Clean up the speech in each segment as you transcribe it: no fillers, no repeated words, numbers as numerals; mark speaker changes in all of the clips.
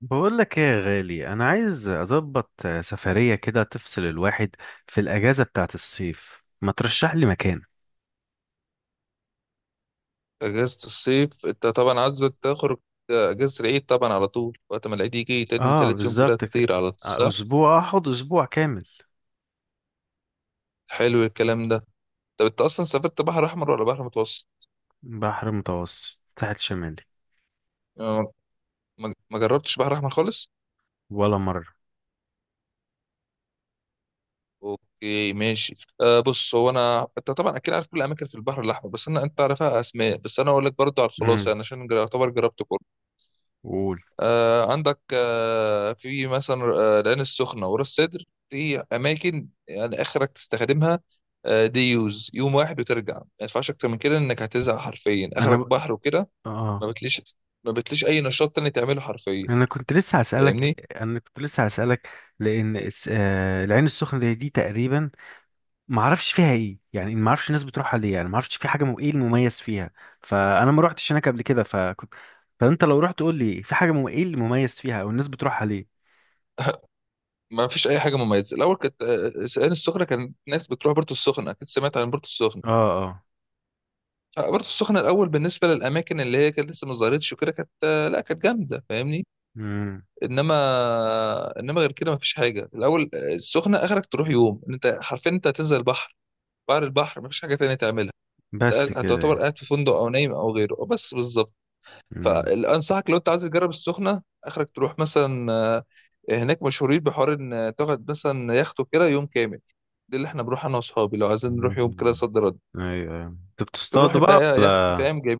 Speaker 1: بقول لك ايه يا غالي، انا عايز اظبط سفرية كده تفصل الواحد في الاجازة بتاعت الصيف، ما ترشح لي مكان؟
Speaker 2: اجازة الصيف انت طبعا عايز تخرج. اجازة العيد طبعا على طول، وقت ما العيد يجي تاني
Speaker 1: اه
Speaker 2: تالت يوم كده
Speaker 1: بالظبط كده.
Speaker 2: تطير على طول،
Speaker 1: آه،
Speaker 2: صح؟
Speaker 1: اسبوع اخد اسبوع كامل.
Speaker 2: حلو الكلام ده. طب انت اصلا سافرت بحر احمر ولا بحر متوسط؟
Speaker 1: بحر متوسط، ساحل شمالي.
Speaker 2: آه، ما جربتش بحر احمر خالص.
Speaker 1: ولا مرة.
Speaker 2: اوكي ماشي. بص، هو انا انت طبعا اكيد عارف كل الاماكن في البحر الاحمر، بس انا انت عارفها اسماء، بس انا اقول لك برضو على الخلاصه،
Speaker 1: امم
Speaker 2: يعني عشان يعتبر جربت كله.
Speaker 1: قول.
Speaker 2: عندك، في مثلا العين السخنة وراس سدر. دي أماكن يعني آخرك تستخدمها. دي يوز يوم واحد وترجع، ما ينفعش أكتر من كده، إنك هتزهق حرفيا،
Speaker 1: انا
Speaker 2: آخرك
Speaker 1: ب...
Speaker 2: بحر وكده.
Speaker 1: اه
Speaker 2: ما بتليش، ما بتليش أي نشاط تاني تعمله حرفيا. فاهمني.
Speaker 1: انا كنت لسه هسألك، لان العين السخنة دي تقريبا، ما اعرفش فيها ايه يعني، ما اعرفش الناس بتروحها ليه يعني، ما اعرفش في ايه المميز فيها. فانا ما روحتش هناك قبل كده، فكنت. فانت لو رحت قول لي، في ايه المميز فيها او الناس بتروحها ليه.
Speaker 2: ما فيش أي حاجة مميزة. الأول كانت العين السخنة، كان ناس بتروح بورتو السخنة، أكيد سمعت عن بورتو السخنة.
Speaker 1: اه، اه.
Speaker 2: فبورتو السخنة الأول بالنسبة للأماكن اللي هي كانت لسه ما ظهرتش وكده كانت، لا كانت جامدة، فاهمني.
Speaker 1: امم
Speaker 2: انما غير كده مفيش حاجه. الاول السخنه اخرك تروح يوم، إن انت حرفيا انت هتنزل البحر، بعد البحر مفيش حاجه تانية تعملها.
Speaker 1: بس
Speaker 2: أنت
Speaker 1: كده
Speaker 2: هتعتبر
Speaker 1: يعني.
Speaker 2: قاعد في فندق او نايم او غيره. أه بس بالظبط.
Speaker 1: امم
Speaker 2: فانصحك لو انت عايز تجرب السخنه، اخرك تروح مثلا هناك مشهورين بحوار ان تاخد مثلا يخت كده يوم كامل. ده اللي احنا بنروح انا واصحابي لو عايزين نروح يوم كده
Speaker 1: أمم.
Speaker 2: صد رد.
Speaker 1: ايوه، ايوه، انتوا
Speaker 2: بنروح
Speaker 1: بتصطادوا بقى
Speaker 2: بقى يخت،
Speaker 1: ولا؟
Speaker 2: فاهم جايب،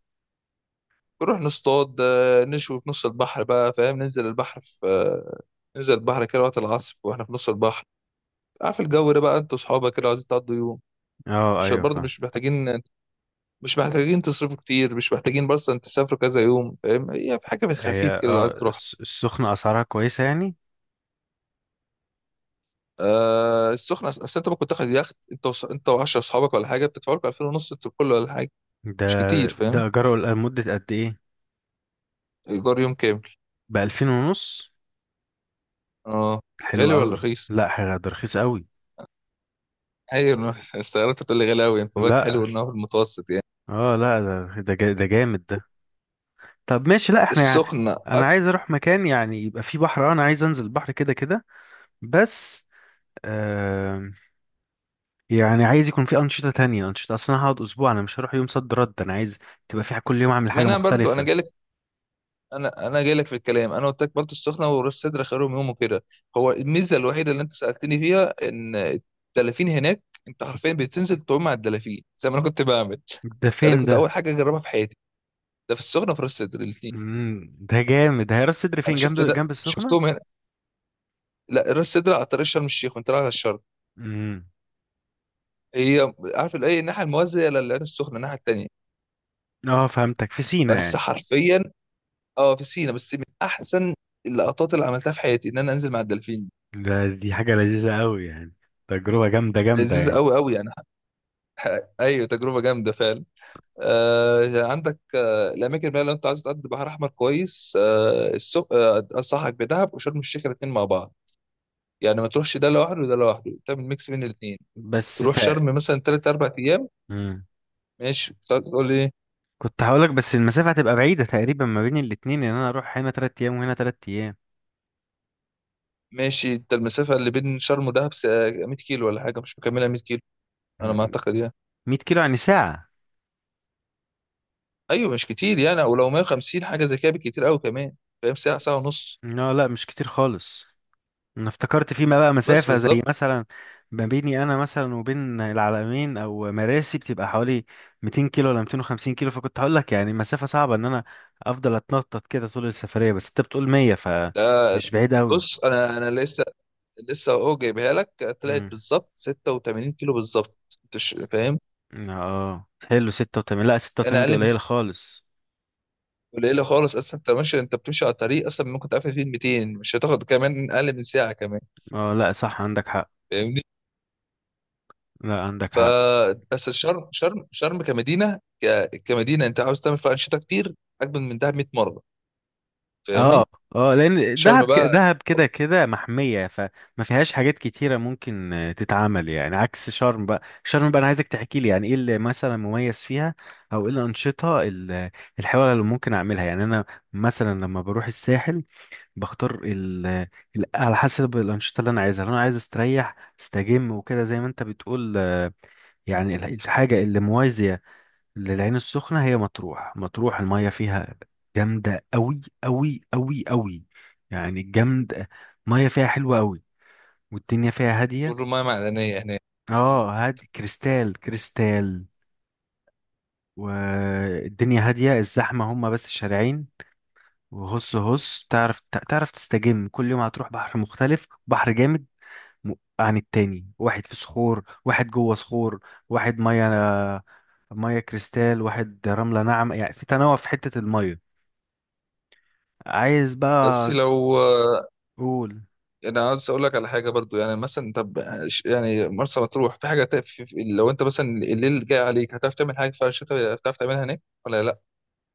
Speaker 2: بنروح نصطاد، نشوي في نص البحر بقى، فاهم ننزل البحر في ننزل البحر كده وقت العصر واحنا في نص البحر، عارف الجو ده بقى، انتوا اصحابك كده عايزين تقضوا يوم،
Speaker 1: اه،
Speaker 2: مش
Speaker 1: ايوه،
Speaker 2: برضه
Speaker 1: فاهم.
Speaker 2: مش محتاجين، مش محتاجين تصرفوا كتير، مش محتاجين بس ان تسافروا كذا يوم، فاهم. هي في حاجه في
Speaker 1: هي
Speaker 2: الخفيف كده لو عايز تروح.
Speaker 1: السخنه اسعارها كويسه يعني؟
Speaker 2: آه السخنه اصل انت ممكن تاخد يخت انت انت و10 اصحابك ولا حاجه، بتدفعوا لكم 2000 ونص انتوا الكل ولا حاجه،
Speaker 1: ده
Speaker 2: مش كتير، فاهم.
Speaker 1: ده اجره لمده قد ايه؟
Speaker 2: ايجار يوم كامل.
Speaker 1: بـ2500.
Speaker 2: اه.
Speaker 1: حلو
Speaker 2: غالي ولا
Speaker 1: قوي.
Speaker 2: رخيص؟
Speaker 1: لا حاجه، ده رخيص قوي.
Speaker 2: ايوه، استغربت تقول لي غالي قوي. انت بالك حلو
Speaker 1: لا،
Speaker 2: انه في المتوسط يعني.
Speaker 1: اه لا، ده جامد ده. طب ماشي، لا احنا يعني.
Speaker 2: السخنه
Speaker 1: انا عايز اروح مكان يعني يبقى فيه بحر، انا عايز انزل البحر كده كده بس. آه يعني عايز يكون فيه انشطه تانية، انشطه، اصلا أنا هقعد اسبوع، انا مش هروح يوم صد رد، انا عايز تبقى في كل يوم اعمل
Speaker 2: ما
Speaker 1: حاجه
Speaker 2: انا برضو انا
Speaker 1: مختلفه.
Speaker 2: جالي، انا جاي لك في الكلام. انا قلت لك بلطة السخنه وراس سدر خيرهم يوم وكده. هو الميزه الوحيده اللي انت سالتني فيها ان الدلافين هناك، انت حرفيا بتنزل تعوم مع الدلافين زي ما انا كنت بعمل.
Speaker 1: ده
Speaker 2: ده
Speaker 1: فين
Speaker 2: كنت
Speaker 1: ده؟
Speaker 2: اول حاجه اجربها في حياتي. ده في السخنه وفي راس سدر الاثنين.
Speaker 1: ده جامد ده. هي راس سدر
Speaker 2: انا
Speaker 1: فين، جنب
Speaker 2: شفت ده
Speaker 1: جنب السخنه؟
Speaker 2: شفتهم هنا. لا، راس سدر على طريق شرم الشيخ وانت رايح على الشرق.
Speaker 1: امم
Speaker 2: هي عارف الايه، الناحيه الموازيه للعين السخنه، الناحيه الثانيه.
Speaker 1: اه، فهمتك، في سينا
Speaker 2: بس
Speaker 1: يعني.
Speaker 2: حرفيا، اه، في سينا. بس من احسن اللقطات اللي عملتها في حياتي ان انا انزل مع الدلافين.
Speaker 1: دي حاجه لذيذه قوي يعني، تجربه جامده جامده
Speaker 2: لذيذ
Speaker 1: يعني.
Speaker 2: قوي قوي يعني. ايوه، تجربه جامده فعلا. عندك الاماكن بقى، لو انت عايز تقضي بحر احمر كويس، آه، السخ آه، انصحك بدهب وشرم الشيخ الاثنين مع بعض، يعني ما تروحش ده لوحده وده لوحده، تعمل ميكس بين الاثنين.
Speaker 1: بس
Speaker 2: تروح
Speaker 1: تق...
Speaker 2: شرم مثلا ثلاث اربع ايام، ماشي تقعد تقول لي.
Speaker 1: كنت هقولك بس المسافة هتبقى بعيدة تقريبا ما بين الاتنين، ان انا اروح هنا 3 ايام وهنا 3 ايام.
Speaker 2: ماشي، انت المسافه اللي بين شرم ودهب 100 كيلو ولا حاجه، مش مكملها 100 كيلو، انا ما اعتقد يعني.
Speaker 1: 100 كيلو، يعني ساعة.
Speaker 2: ايوه مش كتير يعني، او لو 150 حاجه زي كده بالكتير قوي كمان، فاهم، ساعه ساعه ونص.
Speaker 1: لا، لا، مش كتير خالص. انا افتكرت فيما بقى
Speaker 2: بس
Speaker 1: مسافة زي
Speaker 2: بالظبط.
Speaker 1: مثلا ما بيني انا مثلا وبين العلمين او مراسي بتبقى حوالي 200 كيلو ولا 250 كيلو، فكنت هقولك يعني مسافة صعبة، ان انا افضل اتنطط كده طول السفرية، بس انت بتقول 100
Speaker 2: ده
Speaker 1: فمش بعيد قوي.
Speaker 2: بص انا لسه اهو جايبها لك، طلعت
Speaker 1: امم
Speaker 2: بالظبط 86 كيلو بالظبط. انت فاهم.
Speaker 1: اه، حلو 86. لا،
Speaker 2: انا
Speaker 1: 86 دي
Speaker 2: اقل من
Speaker 1: قليلة خالص.
Speaker 2: قليله خالص اصلا. انت ماشي، انت بتمشي على طريق اصلا ممكن تعافى فيه 200، مش هتاخد كمان اقل من ساعه كمان.
Speaker 1: اه، لا، صح، عندك حق.
Speaker 2: فاهمني.
Speaker 1: لا، عندك
Speaker 2: ف
Speaker 1: حق.
Speaker 2: بس الشرم شرم شرم كمدينه، انت عاوز تعمل فيها انشطه كتير، اجمل من دهب 100 مره، فاهميه.
Speaker 1: اه، اه، لان
Speaker 2: شرم
Speaker 1: دهب
Speaker 2: بقى،
Speaker 1: دهب كده كده محميه، فما فيهاش حاجات كتيره ممكن تتعمل يعني، عكس شرم بقى. شرم بقى انا عايزك تحكي لي يعني ايه اللي مثلا مميز فيها، او ايه الانشطه الحلوه اللي ممكن اعملها يعني. انا مثلا لما بروح الساحل، بختار على حسب الانشطه اللي انا عايزها. لو انا عايز استريح استجم وكده زي ما انت بتقول، يعني الحاجه اللي موازيه للعين السخنة هي مطروح. مطروح المية فيها جامدة أوي أوي أوي أوي، يعني جامدة. مية فيها حلوة أوي، والدنيا فيها هادية.
Speaker 2: والرمايه معدنيه هناك.
Speaker 1: اه، هادي، كريستال كريستال. والدنيا هادية، الزحمة هما بس شارعين. وهص هص، تعرف تستجم، كل يوم هتروح بحر مختلف، بحر جامد م- عن التاني، واحد في صخور، واحد جوه صخور، واحد مية، مية كريستال، واحد رملة ناعمة، يعني في تنوع في حتة المية. عايز
Speaker 2: بس
Speaker 1: بقى
Speaker 2: لو
Speaker 1: تقول.
Speaker 2: انا عايز اقول لك على حاجه برضو، يعني مثلا، طب يعني مرسى مطروح في حاجه تقف في لو انت مثلا الليل جاي عليك، هتعرف تعمل حاجه في الشتاء؟ هتعرف تعملها هناك ولا لا؟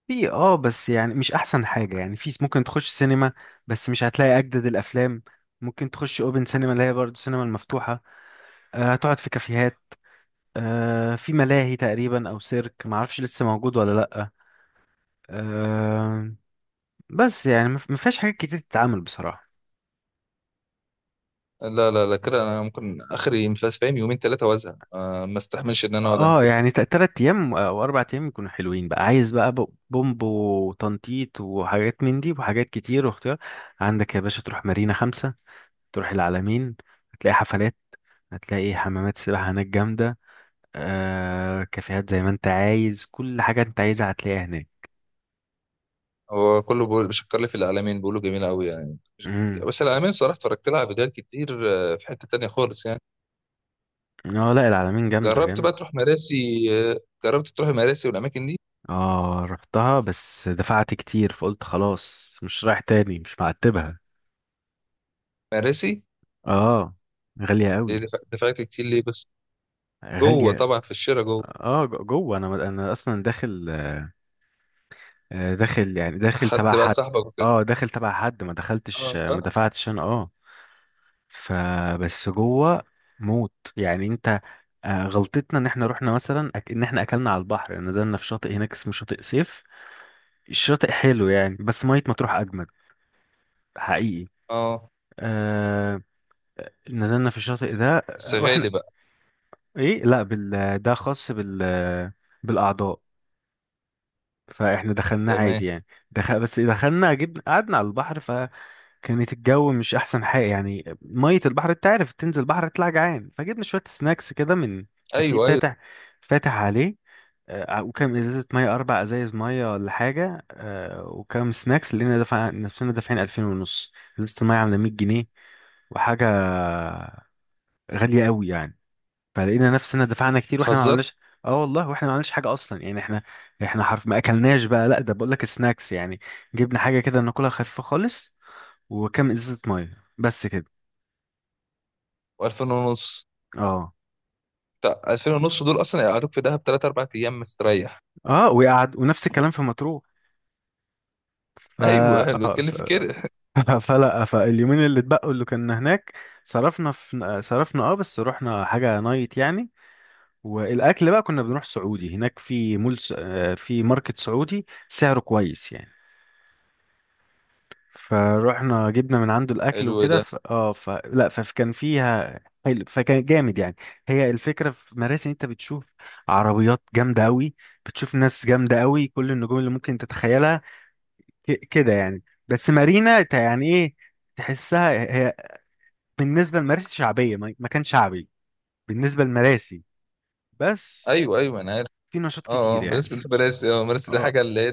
Speaker 1: في، بس يعني مش احسن حاجة يعني، في ممكن تخش سينما، بس مش هتلاقي اجدد الافلام. ممكن تخش اوبن سينما اللي هي برضه السينما المفتوحة. هتقعد في كافيهات، في ملاهي تقريبا او سيرك، معرفش لسه موجود ولا لأ. آه، بس يعني مفيهاش حاجات كتير تتعمل بصراحة.
Speaker 2: لا لا لا، كده انا ممكن اخري مفاس فاهم يومين ثلاثه وازهق، ما استحملش ان انا اقعد عن
Speaker 1: اه
Speaker 2: كده.
Speaker 1: يعني، تلات ايام او 4 ايام يكونوا حلوين بقى، عايز بقى بومب وتنطيط وحاجات من دي. وحاجات كتير واختيار عندك يا باشا، تروح مارينا خمسة، تروح العلمين، هتلاقي حفلات، هتلاقي حمامات سباحة هناك جامدة، كافيهات، زي ما انت عايز كل حاجة انت عايزها هتلاقيها هناك.
Speaker 2: هو كله بيقول بيشكر لي في العلمين، بيقولوا جميله قوي يعني.
Speaker 1: امم
Speaker 2: بس العلمين صراحه اتفرجت لها على فيديوهات كتير، في حته تانية خالص يعني.
Speaker 1: اه، لا، العلمين جامدة
Speaker 2: جربت
Speaker 1: جامدة.
Speaker 2: بقى تروح مراسي؟ جربت تروح مراسي والاماكن دي؟
Speaker 1: اه، رحتها بس دفعت كتير، فقلت خلاص مش رايح تاني، مش معتبها.
Speaker 2: مراسي
Speaker 1: اه، غالية
Speaker 2: دي
Speaker 1: قوي.
Speaker 2: دفعت كتير ليه بس؟ جوه
Speaker 1: غالية.
Speaker 2: طبعا، في الشارع جوه،
Speaker 1: اه، جوه، انا اصلا داخل، داخل يعني، داخل
Speaker 2: حد
Speaker 1: تبع
Speaker 2: بقى
Speaker 1: حد.
Speaker 2: صاحبك.
Speaker 1: اه، داخل تبع حد، ما دخلتش
Speaker 2: اه صح.
Speaker 1: ما دفعتش انا، اه. فبس جوه موت يعني انت. غلطتنا ان احنا رحنا مثلا ان احنا اكلنا على البحر، يعني نزلنا في شاطئ هناك اسمه شاطئ سيف. الشاطئ حلو يعني، بس مية مطروح اجمد حقيقي.
Speaker 2: اه،
Speaker 1: آه نزلنا في الشاطئ ده،
Speaker 2: بس
Speaker 1: واحنا
Speaker 2: غالي بقى.
Speaker 1: ايه، لا بال ده خاص بالاعضاء. فاحنا دخلنا
Speaker 2: تمام.
Speaker 1: عادي يعني. دخل بس، دخلنا جبنا قعدنا على البحر. كانت الجو مش احسن حاجه يعني، ميه البحر انت عارف تنزل بحر تطلع جعان، فجبنا شويه سناكس كده من كافيه
Speaker 2: ايوه ايوه،
Speaker 1: فاتح، فاتح عليه. وكام ازازه ميه، 4 ازايز ميه ولا حاجه، وكام سناكس، لقينا دفع نفسنا دافعين 2000 ونص. لسه الميه عامله 100 جنيه وحاجه، غاليه قوي يعني. فلقينا نفسنا دفعنا كتير واحنا ما
Speaker 2: بتهزر.
Speaker 1: عملناش. اه والله، واحنا ما عملناش حاجه اصلا يعني، احنا حرف ما اكلناش بقى، لا ده بقول لك سناكس يعني. جبنا حاجه كده ناكلها خفيفه خالص، وكام ازازه ميه بس كده.
Speaker 2: و2000 ونص.
Speaker 1: اه.
Speaker 2: بتاع 2000 ونص دول اصلا يقعدوك في دهب 3 4 ايام مستريح.
Speaker 1: اه، وقعد ونفس الكلام في مطروح. ف...
Speaker 2: ايوه، حلو
Speaker 1: آه،
Speaker 2: اتكلم
Speaker 1: ف...
Speaker 2: في كده.
Speaker 1: فلا، فاليومين اللي اتبقوا اللي كنا هناك، صرفنا، بس رحنا حاجة نايت يعني. والاكل بقى كنا بنروح سعودي هناك، في مول س... آه، في ماركت سعودي سعره كويس يعني. فروحنا جبنا من عنده الاكل
Speaker 2: حلو
Speaker 1: وكده.
Speaker 2: ده.
Speaker 1: لا، فكان فيها حلو، فكان جامد يعني. هي الفكرة في مراسي إن انت بتشوف عربيات جامدة قوي، بتشوف ناس جامدة قوي، كل النجوم اللي ممكن تتخيلها كده يعني. بس مارينا يعني ايه، تحسها هي بالنسبه لمراسي شعبيه، ما كان شعبي بالنسبه لمراسي بس.
Speaker 2: ايوه ايوه انا عارف.
Speaker 1: في نشاط
Speaker 2: اه اه،
Speaker 1: كتير يعني
Speaker 2: بالنسبه لمراسي، اه مراسي دي
Speaker 1: اه،
Speaker 2: حاجه اللي هي،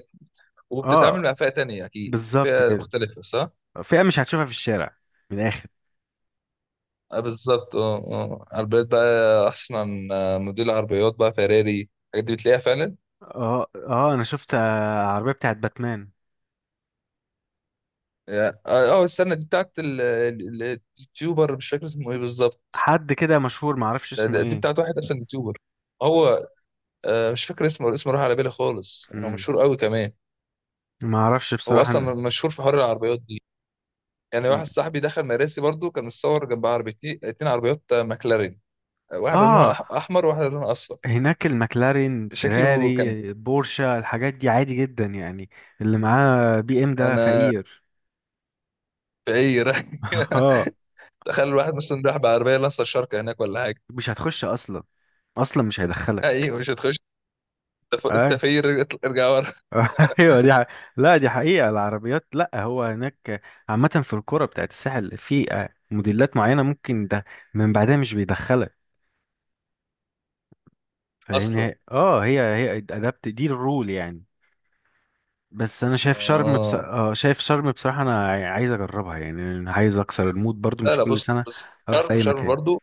Speaker 2: وبتتعامل
Speaker 1: اه،
Speaker 2: مع فئه تانية، اكيد
Speaker 1: بالظبط
Speaker 2: فئه
Speaker 1: كده.
Speaker 2: مختلفه، صح.
Speaker 1: فئه مش هتشوفها في الشارع، من الاخر.
Speaker 2: آه بالظبط. اه اه، عربيات بقى احسن، عن موديل عربيات بقى فيراري، الحاجات دي بتلاقيها فعلا.
Speaker 1: اه، اه، انا شفت عربيه بتاعت باتمان.
Speaker 2: اه، استنى، دي بتاعت التيوبر، مش فاكر اسمه ايه بالظبط.
Speaker 1: حد كده مشهور، ما اعرفش اسمه
Speaker 2: دي
Speaker 1: ايه.
Speaker 2: بتاعت واحد اصلا يوتيوبر. هو مش فاكر اسمه، اسمه راح على بالي خالص، يعني هو
Speaker 1: مم.
Speaker 2: مشهور قوي كمان.
Speaker 1: ما اعرفش
Speaker 2: هو
Speaker 1: بصراحه
Speaker 2: اصلا
Speaker 1: أنا.
Speaker 2: مشهور في حوار العربيات دي. يعني
Speaker 1: مم.
Speaker 2: واحد صاحبي دخل مراسي برضو، كان متصور جنب عربيتين اتنين، عربيات ماكلارين. واحده لونها
Speaker 1: اه،
Speaker 2: احمر وواحده لونها اصفر.
Speaker 1: هناك المكلارين،
Speaker 2: شكله كان
Speaker 1: فيراري، بورشا، الحاجات دي عادي جدا يعني. اللي معاه بي ام ده
Speaker 2: انا
Speaker 1: فقير.
Speaker 2: في اي رايح.
Speaker 1: اه،
Speaker 2: تخيل الواحد مثلا راح بعربيه لسه الشركه هناك ولا حاجه،
Speaker 1: مش هتخش اصلا، اصلا مش هيدخلك.
Speaker 2: ايوه مش هتخش. انت أنت
Speaker 1: اي.
Speaker 2: في إيه؟ ارجع ورا
Speaker 1: ايوه، دي حقيقة. لا، دي حقيقة. العربيات لا، هو هناك عامة في الكرة بتاعت الساحل، في موديلات معينة ممكن ده من بعدها مش بيدخلك. فاهمني.
Speaker 2: اصلا.
Speaker 1: هي ادابت دي الرول يعني. بس انا شايف شرم بص...
Speaker 2: اه
Speaker 1: اه شايف شرم بصراحة، انا عايز اجربها يعني، أنا عايز اكسر المود برضو،
Speaker 2: لا
Speaker 1: مش
Speaker 2: لا،
Speaker 1: كل
Speaker 2: بص
Speaker 1: سنة
Speaker 2: بص،
Speaker 1: اروح في
Speaker 2: شرم
Speaker 1: اي
Speaker 2: شرم
Speaker 1: مكان.
Speaker 2: برضو.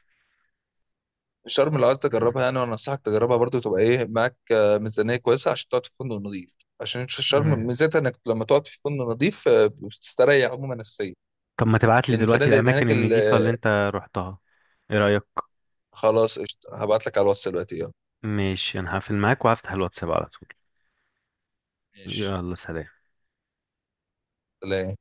Speaker 2: الشرم لو عايز تجربها يعني، وانا انصحك تجربها برضو، تبقى ايه معاك ميزانيه كويسه عشان تقعد في فندق نظيف، عشان في الشرم
Speaker 1: مم.
Speaker 2: ميزتها انك لما تقعد في فندق نظيف بتستريح عموما نفسيا.
Speaker 1: طب ما تبعت لي
Speaker 2: لان
Speaker 1: دلوقتي
Speaker 2: الفنادق اللي
Speaker 1: الاماكن
Speaker 2: هناك
Speaker 1: النضيفة اللي انت رحتها، ايه رأيك؟
Speaker 2: خلاص قشطة، هبعت لك على الواتس دلوقتي، يلا.
Speaker 1: ماشي، انا هقفل معاك وهفتح الواتساب على طول.
Speaker 2: ماشي
Speaker 1: يلا، سلام.
Speaker 2: سلام.